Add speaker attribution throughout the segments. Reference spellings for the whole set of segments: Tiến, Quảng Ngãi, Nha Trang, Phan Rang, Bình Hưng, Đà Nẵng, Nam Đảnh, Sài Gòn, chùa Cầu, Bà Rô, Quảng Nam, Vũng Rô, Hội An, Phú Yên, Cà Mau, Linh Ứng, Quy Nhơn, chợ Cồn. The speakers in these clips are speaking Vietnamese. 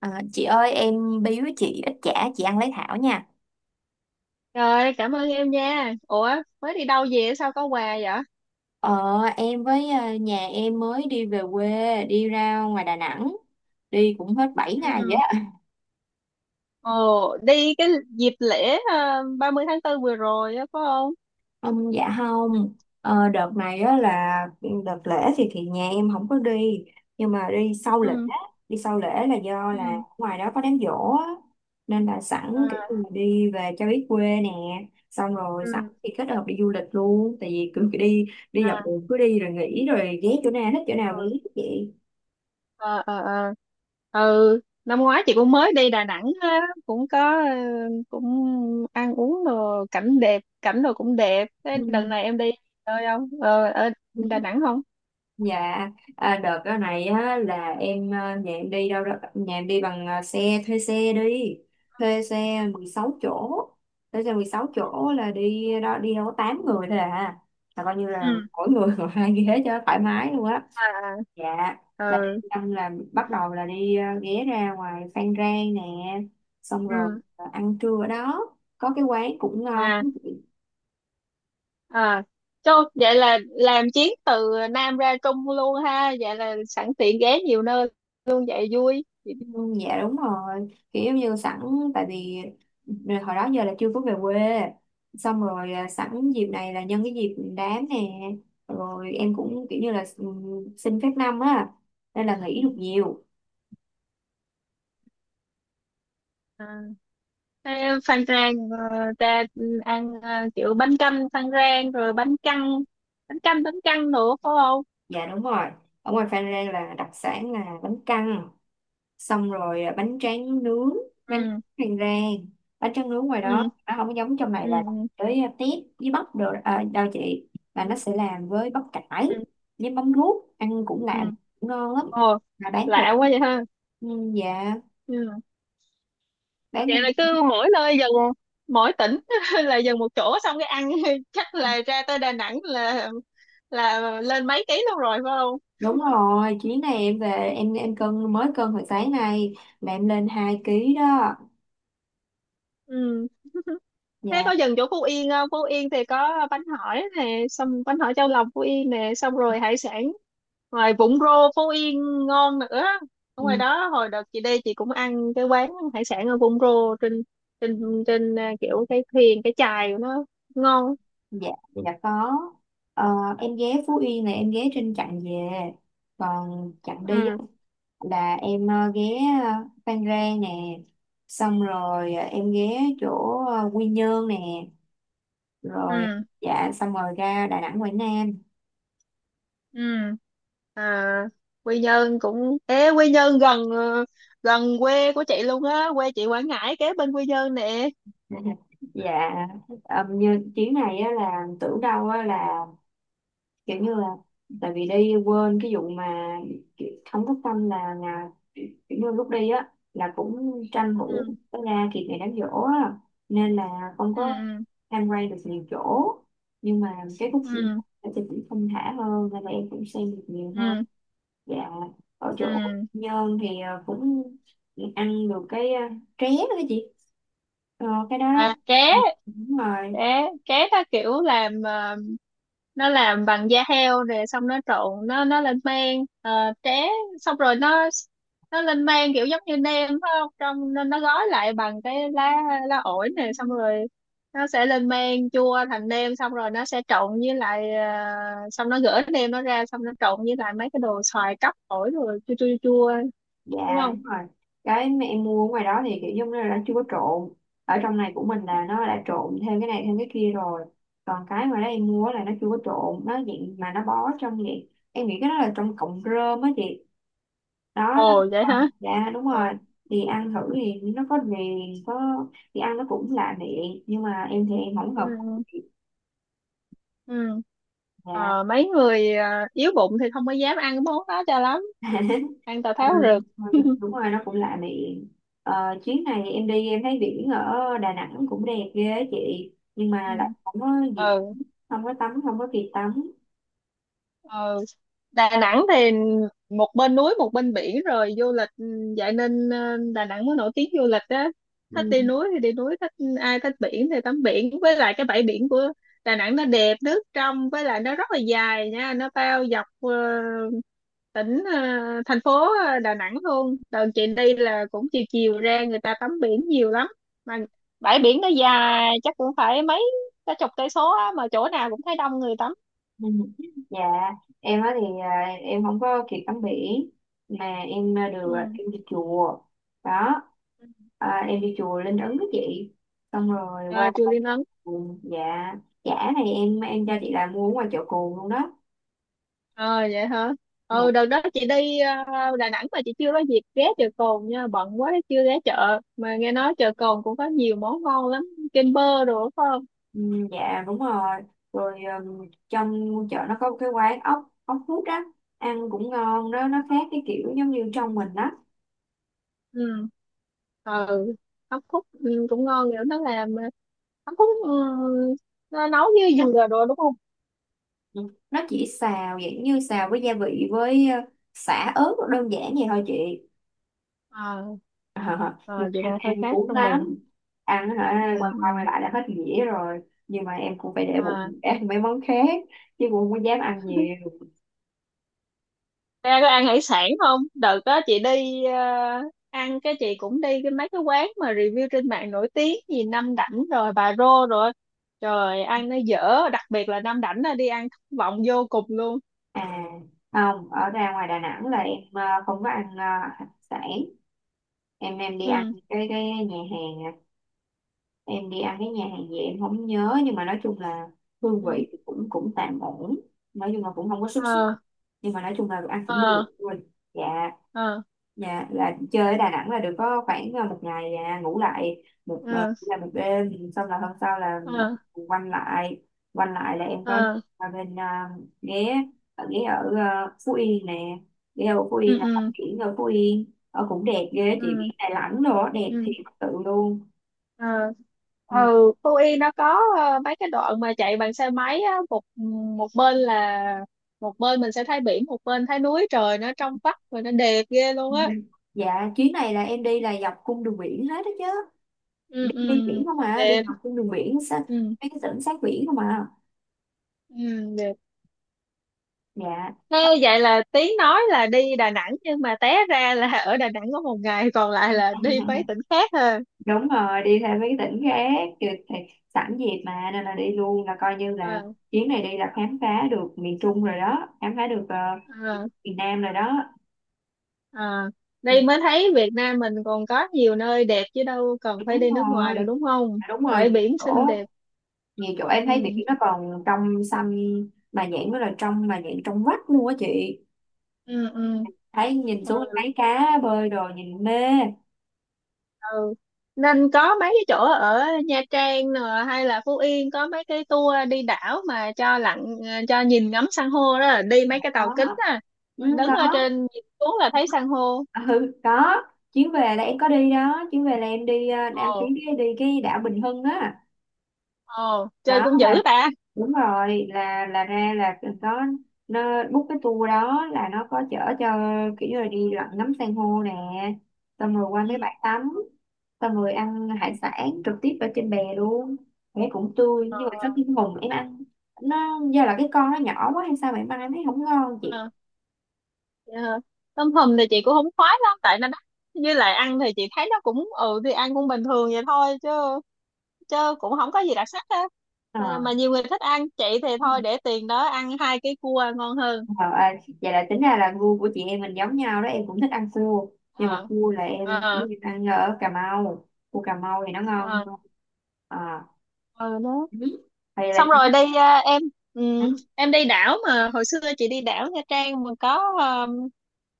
Speaker 1: À, chị ơi em biếu chị ít chả chị ăn lấy thảo nha.
Speaker 2: Rồi, cảm ơn em nha. Ủa, mới đi đâu về sao có quà vậy?
Speaker 1: ờ em với nhà em mới đi về quê, đi ra ngoài Đà Nẵng, đi cũng hết 7 ngày vậy
Speaker 2: Ừ.
Speaker 1: á.
Speaker 2: Ồ, đi cái dịp lễ 30 tháng 4 vừa rồi á, phải không?
Speaker 1: Không, dạ không. Đợt này á là đợt lễ thì nhà em không có đi, nhưng mà đi sau lễ.
Speaker 2: Ừ.
Speaker 1: Đi sau lễ là do là
Speaker 2: Ừ.
Speaker 1: ngoài đó có đám giỗ á, nên là sẵn kiểu
Speaker 2: À.
Speaker 1: như là đi về cho biết quê nè, xong rồi sẵn
Speaker 2: Ừ.
Speaker 1: thì kết hợp đi du lịch luôn. Tại vì cứ đi, đi dọc
Speaker 2: À,
Speaker 1: đường cứ đi rồi nghỉ, rồi ghé chỗ nào thích chỗ nào
Speaker 2: ừ,
Speaker 1: nghỉ vậy.
Speaker 2: ờ, ờ, ờ. Ừ, năm ngoái chị cũng mới đi Đà Nẵng ha, cũng có cũng ăn uống đồ cảnh đẹp, cảnh đồ cũng đẹp. Thế đợt
Speaker 1: Ừ.
Speaker 2: này em đi chơi không? Ờ, Ở Đà Nẵng không?
Speaker 1: Dạ, à, đợt cái này á, là em nhà em đi đâu đó, nhà em đi bằng xe, thuê xe đi, thuê xe 16 chỗ. Thuê xe 16 chỗ là đi đó đi đâu có 8 người thôi à, là coi như
Speaker 2: Ừ.
Speaker 1: là mỗi người ngồi hai ghế cho thoải mái luôn á.
Speaker 2: À,
Speaker 1: Dạ,
Speaker 2: à,
Speaker 1: là
Speaker 2: ừ.
Speaker 1: đi ăn là bắt đầu là đi ghé ra ngoài Phan Rang nè, xong rồi
Speaker 2: Ừ.
Speaker 1: ăn trưa ở đó, có cái quán cũng ngon.
Speaker 2: À, à, cho vậy là làm chuyến từ Nam ra Trung luôn ha, vậy là sẵn tiện ghé nhiều nơi luôn vậy vui.
Speaker 1: Ừ, dạ đúng rồi, kiểu giống như sẵn, tại vì hồi đó giờ là chưa có về quê, xong rồi sẵn dịp này là nhân cái dịp đám nè, rồi em cũng kiểu như là xin phép năm á, nên là nghỉ được nhiều.
Speaker 2: À, thế Phan Rang ra ăn kiểu bánh canh Phan Rang rồi bánh căn, bánh canh bánh căn nữa phải không?
Speaker 1: Dạ đúng rồi, ở ngoài Phan Rang là đặc sản là bánh căn, xong rồi bánh tráng nướng, bánh
Speaker 2: Ừ,
Speaker 1: tráng rang bánh tráng nướng ngoài
Speaker 2: ừ,
Speaker 1: đó nó không có giống trong này, là
Speaker 2: ừ,
Speaker 1: tới tép với bắp đồ đâu chị, là
Speaker 2: ừ,
Speaker 1: nó sẽ làm với bắp cải
Speaker 2: ừ,
Speaker 1: với mắm ruốc, ăn cũng
Speaker 2: ừ.
Speaker 1: làm cũng ngon lắm
Speaker 2: Ồ,
Speaker 1: mà bán rẻ.
Speaker 2: lạ quá vậy ha.
Speaker 1: Ừ, dạ
Speaker 2: Ừ.
Speaker 1: bán
Speaker 2: Vậy là cứ mỗi nơi dần mỗi tỉnh là dần một chỗ xong cái ăn chắc là ra tới Đà Nẵng là lên mấy ký luôn rồi phải không?
Speaker 1: đúng rồi. Chuyến này em về, em cân, mới cân hồi sáng nay, là em lên 2 ký đó.
Speaker 2: Ừ. Thế có
Speaker 1: Dạ.
Speaker 2: dừng chỗ Phú Yên không? Phú Yên thì có bánh hỏi nè, xong bánh hỏi chao lòng Phú Yên nè, xong rồi hải sản. Ngoài Vũng Rô Phú Yên ngon nữa. Ở ngoài
Speaker 1: Ừ,
Speaker 2: đó hồi đợt chị đi chị cũng ăn cái quán hải sản ở Vũng Rô trên trên trên à, kiểu cái thuyền cái chài của nó ngon.
Speaker 1: dạ. Dạ có. Ờ, em ghé Phú Yên này, em ghé trên chặng về, còn chặng đi
Speaker 2: Ừ
Speaker 1: là em ghé ờ, Phan Rang nè, xong rồi em ghé chỗ Quy Nhơn nè, rồi
Speaker 2: ừ
Speaker 1: dạ xong rồi ra Đà Nẵng, Quảng Nam.
Speaker 2: ừ. À, Quy Nhơn cũng ế, Quy Nhơn gần quê của chị luôn á, quê chị Quảng Ngãi kế bên Quy Nhơn nè.
Speaker 1: Dạ, như chuyến này á, là tưởng đâu á, là kiểu như là tại vì đi quên cái vụ mà kiểu không có tâm là kiểu như lúc đi á là cũng tranh thủ
Speaker 2: Ừ
Speaker 1: có ra kịp ngày đám giỗ á, nên là không
Speaker 2: ừ
Speaker 1: có
Speaker 2: ừ
Speaker 1: tham quan được nhiều chỗ, nhưng mà cái khúc phim
Speaker 2: ừ
Speaker 1: thì cũng thông thả hơn nên là em cũng xem được nhiều hơn.
Speaker 2: ừ.
Speaker 1: Dạ, ở chỗ
Speaker 2: Ừ.
Speaker 1: Nhơn thì cũng ăn được cái tré đó chị, cái đó đó.
Speaker 2: À, ké
Speaker 1: Ừ, đúng rồi.
Speaker 2: ké ké nó kiểu làm nó làm bằng da heo nè, xong nó trộn nó lên men, tré, xong rồi nó lên men kiểu giống như nem phải không, trong nên nó gói lại bằng cái lá, lá ổi nè, xong rồi nó sẽ lên men chua thành nem, xong rồi nó sẽ trộn với lại xong nó gỡ nem nó ra xong nó trộn với lại mấy cái đồ xoài cắp ổi rồi chua chua chua, đúng
Speaker 1: Dạ
Speaker 2: không?
Speaker 1: đúng rồi. Cái mà em mua ở ngoài đó thì kiểu giống như là nó chưa có trộn. Ở trong này của mình là nó đã trộn thêm cái này thêm cái kia rồi. Còn cái ngoài đó em mua là nó chưa có trộn, nó dạng mà nó bó trong vậy. Em nghĩ cái đó là trong cọng rơm á chị. Đó nó.
Speaker 2: Ồ, vậy
Speaker 1: Ờ,
Speaker 2: hả?
Speaker 1: dạ đúng rồi.
Speaker 2: Ồ.
Speaker 1: Thì ăn thử thì nó có viền có, thì ăn nó cũng lạ miệng, nhưng mà em thì em không
Speaker 2: Ừ.
Speaker 1: hợp khẩu
Speaker 2: Ừ.
Speaker 1: vị.
Speaker 2: Ừ.
Speaker 1: Dạ.
Speaker 2: Ờ, mấy người yếu bụng thì không có dám ăn cái món đó cho lắm, ăn tào
Speaker 1: Ờ,
Speaker 2: tháo rực.
Speaker 1: đúng rồi nó cũng lạ miệng. Ờ, chuyến này em đi em thấy biển ở Đà Nẵng cũng đẹp ghê á chị, nhưng mà lại không có dịp,
Speaker 2: Ừ.
Speaker 1: không có tắm, không có kịp tắm.
Speaker 2: Ờ, Đà Nẵng thì một bên núi một bên biển rồi du lịch, vậy nên Đà Nẵng mới nổi tiếng du lịch á,
Speaker 1: Ừ.
Speaker 2: thích đi núi thì đi núi, thích ai thích biển thì tắm biển, với lại cái bãi biển của Đà Nẵng nó đẹp, nước trong, với lại nó rất là dài nha, nó bao dọc tỉnh, thành phố Đà Nẵng luôn. Đợt chị đi là cũng chiều chiều ra người ta tắm biển nhiều lắm mà, bãi biển nó dài chắc cũng phải mấy, cả chục cây số á, mà chỗ nào cũng thấy đông người tắm.
Speaker 1: Ừ. Dạ, em á thì em không có kịp tắm biển, mà em được
Speaker 2: Ừ.
Speaker 1: em đi chùa đó, à, em đi chùa Linh Ứng đó chị, xong rồi
Speaker 2: À,
Speaker 1: qua
Speaker 2: chùa
Speaker 1: chợ
Speaker 2: Linh Ấn.
Speaker 1: Cồn. Dạ, chả này em cho chị
Speaker 2: Ừ.
Speaker 1: là mua ở ngoài chợ Cồn luôn đó.
Speaker 2: À, vậy hả. Ừ,
Speaker 1: Dạ.
Speaker 2: đợt đó chị đi Đà Nẵng mà chị chưa có dịp ghé chợ Cồn nha, bận quá chưa ghé chợ, mà nghe nói chợ Cồn cũng có nhiều món ngon lắm, kem bơ đồ phải không?
Speaker 1: Ừ, dạ đúng rồi. Rồi trong chợ nó có một cái quán ốc, ốc hút á, ăn cũng ngon đó, nó khác cái kiểu giống như
Speaker 2: Ừ
Speaker 1: trong mình á.
Speaker 2: ừ. Ừ, hấp khúc cũng ngon nữa, nó làm hấp khúc nó nấu với dừa đồ đúng không?
Speaker 1: Ừ. Nó chỉ xào dạng như xào với gia vị với sả ớt đơn giản vậy thôi chị.
Speaker 2: À,
Speaker 1: Ờ, nhưng
Speaker 2: à,
Speaker 1: mà
Speaker 2: vậy
Speaker 1: ăn
Speaker 2: là hơi
Speaker 1: ăn
Speaker 2: khác
Speaker 1: cũng
Speaker 2: trong mình.
Speaker 1: lắm, ăn
Speaker 2: Ừ,
Speaker 1: hả, quay qua quay
Speaker 2: ừ.
Speaker 1: lại đã hết dĩa rồi, nhưng mà em cũng phải để
Speaker 2: À,
Speaker 1: bụng ăn mấy món khác, chứ cũng không có dám ăn nhiều.
Speaker 2: ra có ăn hải sản không? Đợt đó chị đi ăn cái, chị cũng đi cái mấy cái quán mà review trên mạng nổi tiếng gì Nam Đảnh rồi Bà Rô rồi, trời, ăn nó dở, đặc biệt là Nam Đảnh là đi ăn thất vọng vô cùng luôn.
Speaker 1: À không, ở ra ngoài Đà Nẵng là em không có ăn hải sản. Em đi ăn
Speaker 2: Ừ
Speaker 1: cái nhà hàng à. Em đi ăn cái nhà hàng gì em không nhớ, nhưng mà nói chung là hương
Speaker 2: ừ
Speaker 1: vị thì cũng cũng tạm ổn, nói chung là cũng không có xuất sắc,
Speaker 2: ờ
Speaker 1: nhưng mà nói chung là ăn cũng được
Speaker 2: ờ
Speaker 1: luôn. Dạ.
Speaker 2: ờ
Speaker 1: Dạ, là chơi ở Đà Nẵng là được có khoảng một ngày ngủ lại một,
Speaker 2: ờ
Speaker 1: là một đêm, xong là hôm sau là bắt
Speaker 2: ờ
Speaker 1: đầu quanh lại. Quanh lại là em có
Speaker 2: ờ
Speaker 1: ở bên ghé ở, ghé ở Phú Yên nè. Ghé ở Phú Yên
Speaker 2: ừ
Speaker 1: là tắm
Speaker 2: ừ
Speaker 1: biển ở Phú Yên ở cũng đẹp ghê chị, biển
Speaker 2: ừ
Speaker 1: Đà Nẵng rồi đẹp thiệt
Speaker 2: ừ
Speaker 1: sự luôn.
Speaker 2: ờ.
Speaker 1: Ừ.
Speaker 2: Ừ. Phú Yên nó có mấy cái đoạn mà chạy bằng xe máy á, một một bên là, một bên mình sẽ thấy biển, một bên thấy núi, trời nó trong vắt và nó đẹp ghê luôn á.
Speaker 1: Dạ, chuyến này là em đi là dọc cung đường biển hết đó chứ,
Speaker 2: Ừ
Speaker 1: đi, đi
Speaker 2: ừ,
Speaker 1: biển không à, đi
Speaker 2: đẹp.
Speaker 1: dọc cung đường biển sát
Speaker 2: Ừ
Speaker 1: mấy cái tỉnh sát biển không à.
Speaker 2: ừ, đẹp.
Speaker 1: Dạ.
Speaker 2: Thế vậy là Tiến nói là đi Đà Nẵng nhưng mà té ra là ở Đà Nẵng có một ngày còn lại là đi mấy tỉnh khác ha.
Speaker 1: Đúng rồi, đi theo mấy cái tỉnh khác. Rồi thì sẵn dịp mà nên là đi luôn, là coi như là
Speaker 2: À,
Speaker 1: chuyến này đi là khám phá được miền Trung rồi đó, khám phá được
Speaker 2: à,
Speaker 1: miền Nam rồi đó.
Speaker 2: à.
Speaker 1: Ừ,
Speaker 2: Đây mới thấy Việt Nam mình còn có nhiều nơi đẹp chứ đâu cần phải
Speaker 1: đúng
Speaker 2: đi nước ngoài đâu,
Speaker 1: rồi.
Speaker 2: đúng không?
Speaker 1: À, đúng rồi
Speaker 2: Bãi
Speaker 1: nhiều
Speaker 2: biển
Speaker 1: chỗ,
Speaker 2: xinh đẹp.
Speaker 1: nhiều chỗ em thấy biển
Speaker 2: Ừ
Speaker 1: nó còn trong xanh, mà nhãn nó là trong, mà nhãn trong vắt luôn á chị,
Speaker 2: ừ ừ
Speaker 1: thấy nhìn xuống thấy cá bơi rồi nhìn mê.
Speaker 2: ừ. Nên có mấy cái chỗ ở Nha Trang nè, hay là Phú Yên có mấy cái tour đi đảo mà cho lặn cho nhìn ngắm san hô đó, là đi mấy cái
Speaker 1: Có.
Speaker 2: tàu kính á,
Speaker 1: Ừ,
Speaker 2: đứng ở
Speaker 1: có.
Speaker 2: trên nhìn xuống là thấy san hô.
Speaker 1: Ừ có. Chuyến về là em có đi đó, chuyến về là em đi, ờ, em
Speaker 2: Ồ.
Speaker 1: chuyến đi, đi cái đảo Bình Hưng á,
Speaker 2: Ồ, chơi
Speaker 1: đó
Speaker 2: cũng
Speaker 1: mà
Speaker 2: dữ ta.
Speaker 1: đúng rồi là ra là có, nó book cái tour đó là nó có chở cho kiểu như là đi lặn ngắm san hô nè, xong rồi qua
Speaker 2: Ừ
Speaker 1: mấy bãi tắm, xong rồi ăn
Speaker 2: ừ.
Speaker 1: hải sản trực tiếp ở trên bè luôn. Bé cũng tươi,
Speaker 2: Ờ
Speaker 1: nhưng mà sau
Speaker 2: ờ
Speaker 1: khi mùng em ăn, nó do là cái con nó nhỏ quá hay sao mà em ăn em thấy không ngon chị.
Speaker 2: ờ. Dạ. Tôm hùm thì chị cũng không khoái lắm tại nó đắt, với lại ăn thì chị thấy nó cũng thì ăn cũng bình thường vậy thôi, chứ chứ cũng không có gì đặc sắc á, mà
Speaker 1: Ờ.
Speaker 2: nhiều người thích ăn, chị thì thôi để tiền đó ăn hai cái cua ngon hơn.
Speaker 1: Ờ, à, vậy là tính ra là gu của chị em mình giống nhau đó, em cũng thích ăn cua, nhưng mà
Speaker 2: Ờ
Speaker 1: cua là em
Speaker 2: ờ
Speaker 1: giống như ăn ở Cà Mau, cua Cà Mau thì nó ngon
Speaker 2: ờ
Speaker 1: hơn. À,
Speaker 2: ừ đó,
Speaker 1: vậy là.
Speaker 2: xong rồi đi à, em ừm,
Speaker 1: Ừ.
Speaker 2: em đi đảo, mà hồi xưa chị đi đảo Nha Trang mà có ờm,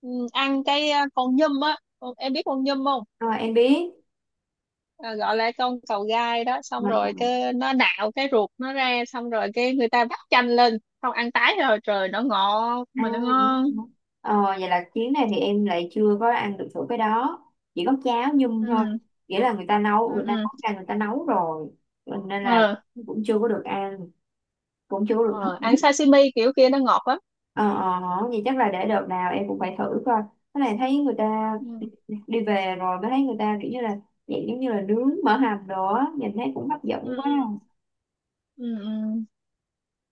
Speaker 2: ừm, ăn cái con nhum á. Em biết con nhum không?
Speaker 1: Ờ, em biết.
Speaker 2: À, gọi là con cầu gai đó, xong
Speaker 1: Mà- ờ,
Speaker 2: rồi cái nó nạo cái ruột nó ra, xong rồi cái người ta vắt chanh lên, xong ăn tái rồi, trời nó ngọt
Speaker 1: à,
Speaker 2: mà nó
Speaker 1: đúng
Speaker 2: ngon.
Speaker 1: rồi. Ờ, vậy là chuyến này thì em lại chưa có ăn được thử cái đó, chỉ có cháo nhum thôi,
Speaker 2: Ừ
Speaker 1: nghĩa là người ta
Speaker 2: ừ
Speaker 1: nấu, người ta
Speaker 2: ừ.
Speaker 1: nấu ra, người ta nấu rồi nên là
Speaker 2: Ờ.
Speaker 1: cũng chưa có được ăn, cũng chưa có được thử.
Speaker 2: Ờ, ăn sashimi kiểu kia nó ngọt lắm.
Speaker 1: Ờ, ờ, vậy chắc là để đợt nào em cũng phải thử coi. Cái này thấy người ta đi,
Speaker 2: Ừ.
Speaker 1: đi về rồi mới thấy người ta kiểu như là dạng giống như là nướng mỡ hầm đồ á, nhìn thấy cũng hấp dẫn
Speaker 2: Ừ,
Speaker 1: quá.
Speaker 2: ừ. Ừ, ừ.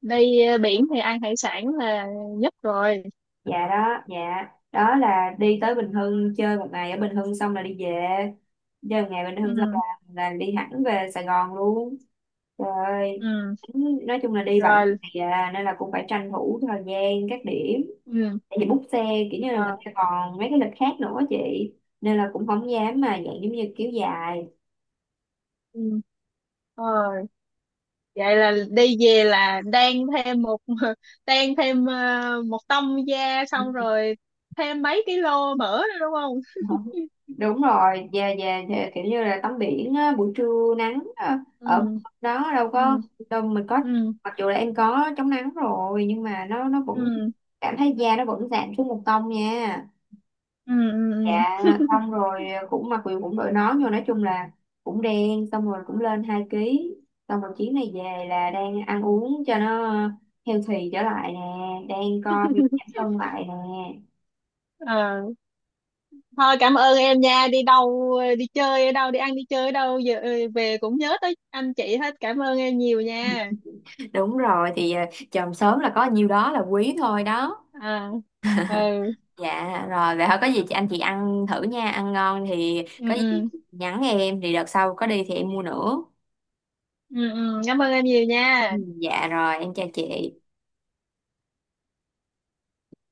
Speaker 2: Đi biển thì ăn hải sản là nhất rồi.
Speaker 1: Dạ. Đó là đi tới Bình Hưng, chơi một ngày ở Bình Hưng xong là đi về. Chơi một ngày Bình Hưng xong
Speaker 2: Ừ.
Speaker 1: là đi hẳn về Sài Gòn luôn. Trời ơi.
Speaker 2: Ừ.
Speaker 1: Nói chung là đi vậy.
Speaker 2: Rồi.
Speaker 1: Dạ, nên là cũng phải tranh thủ thời gian các điểm,
Speaker 2: Ừ.
Speaker 1: tại vì bút xe kiểu như là người
Speaker 2: Ờ,
Speaker 1: ta còn mấy cái lịch khác nữa chị, nên là cũng không dám mà dạng giống như kiểu dài.
Speaker 2: ừ. Ờ, vậy là đi về là đan thêm một đan thêm một tông da, xong rồi thêm mấy ký lô mỡ nữa đúng không?
Speaker 1: Không, đúng rồi, về về thì kiểu như là tắm biển á, buổi trưa nắng á, ở
Speaker 2: Ừ.
Speaker 1: đó đâu có
Speaker 2: Ừ.
Speaker 1: đâu, mình có
Speaker 2: Ừ.
Speaker 1: mặc dù là em có chống nắng rồi nhưng mà nó vẫn
Speaker 2: Ừ.
Speaker 1: cảm thấy da nó vẫn giảm xuống một tông nha.
Speaker 2: Ừ. Ừ.
Speaker 1: Dạ,
Speaker 2: Ừ.
Speaker 1: xong rồi cũng mặc quyền cũng đội nón vô, nói chung là cũng đen, xong rồi cũng lên 2 ký, xong rồi chuyến này về là đang ăn uống cho nó healthy trở lại nè, đang coi việc giảm cân lại nè.
Speaker 2: Ờ. Thôi cảm ơn em nha, đi đâu, đi chơi ở đâu, đi ăn đi chơi ở đâu giờ về cũng nhớ tới anh chị hết. Cảm ơn em nhiều nha.
Speaker 1: Đúng rồi thì à, chồng sớm là có nhiêu đó là quý thôi đó.
Speaker 2: À. Ừ.
Speaker 1: Dạ rồi vậy thôi, có gì chị, anh chị ăn thử nha, ăn ngon thì có
Speaker 2: Ừ
Speaker 1: gì
Speaker 2: ừ.
Speaker 1: nhắn em, thì đợt sau có đi thì em mua nữa.
Speaker 2: Ừ ừ, cảm ơn em nhiều
Speaker 1: Ừ,
Speaker 2: nha.
Speaker 1: dạ rồi em chào chị.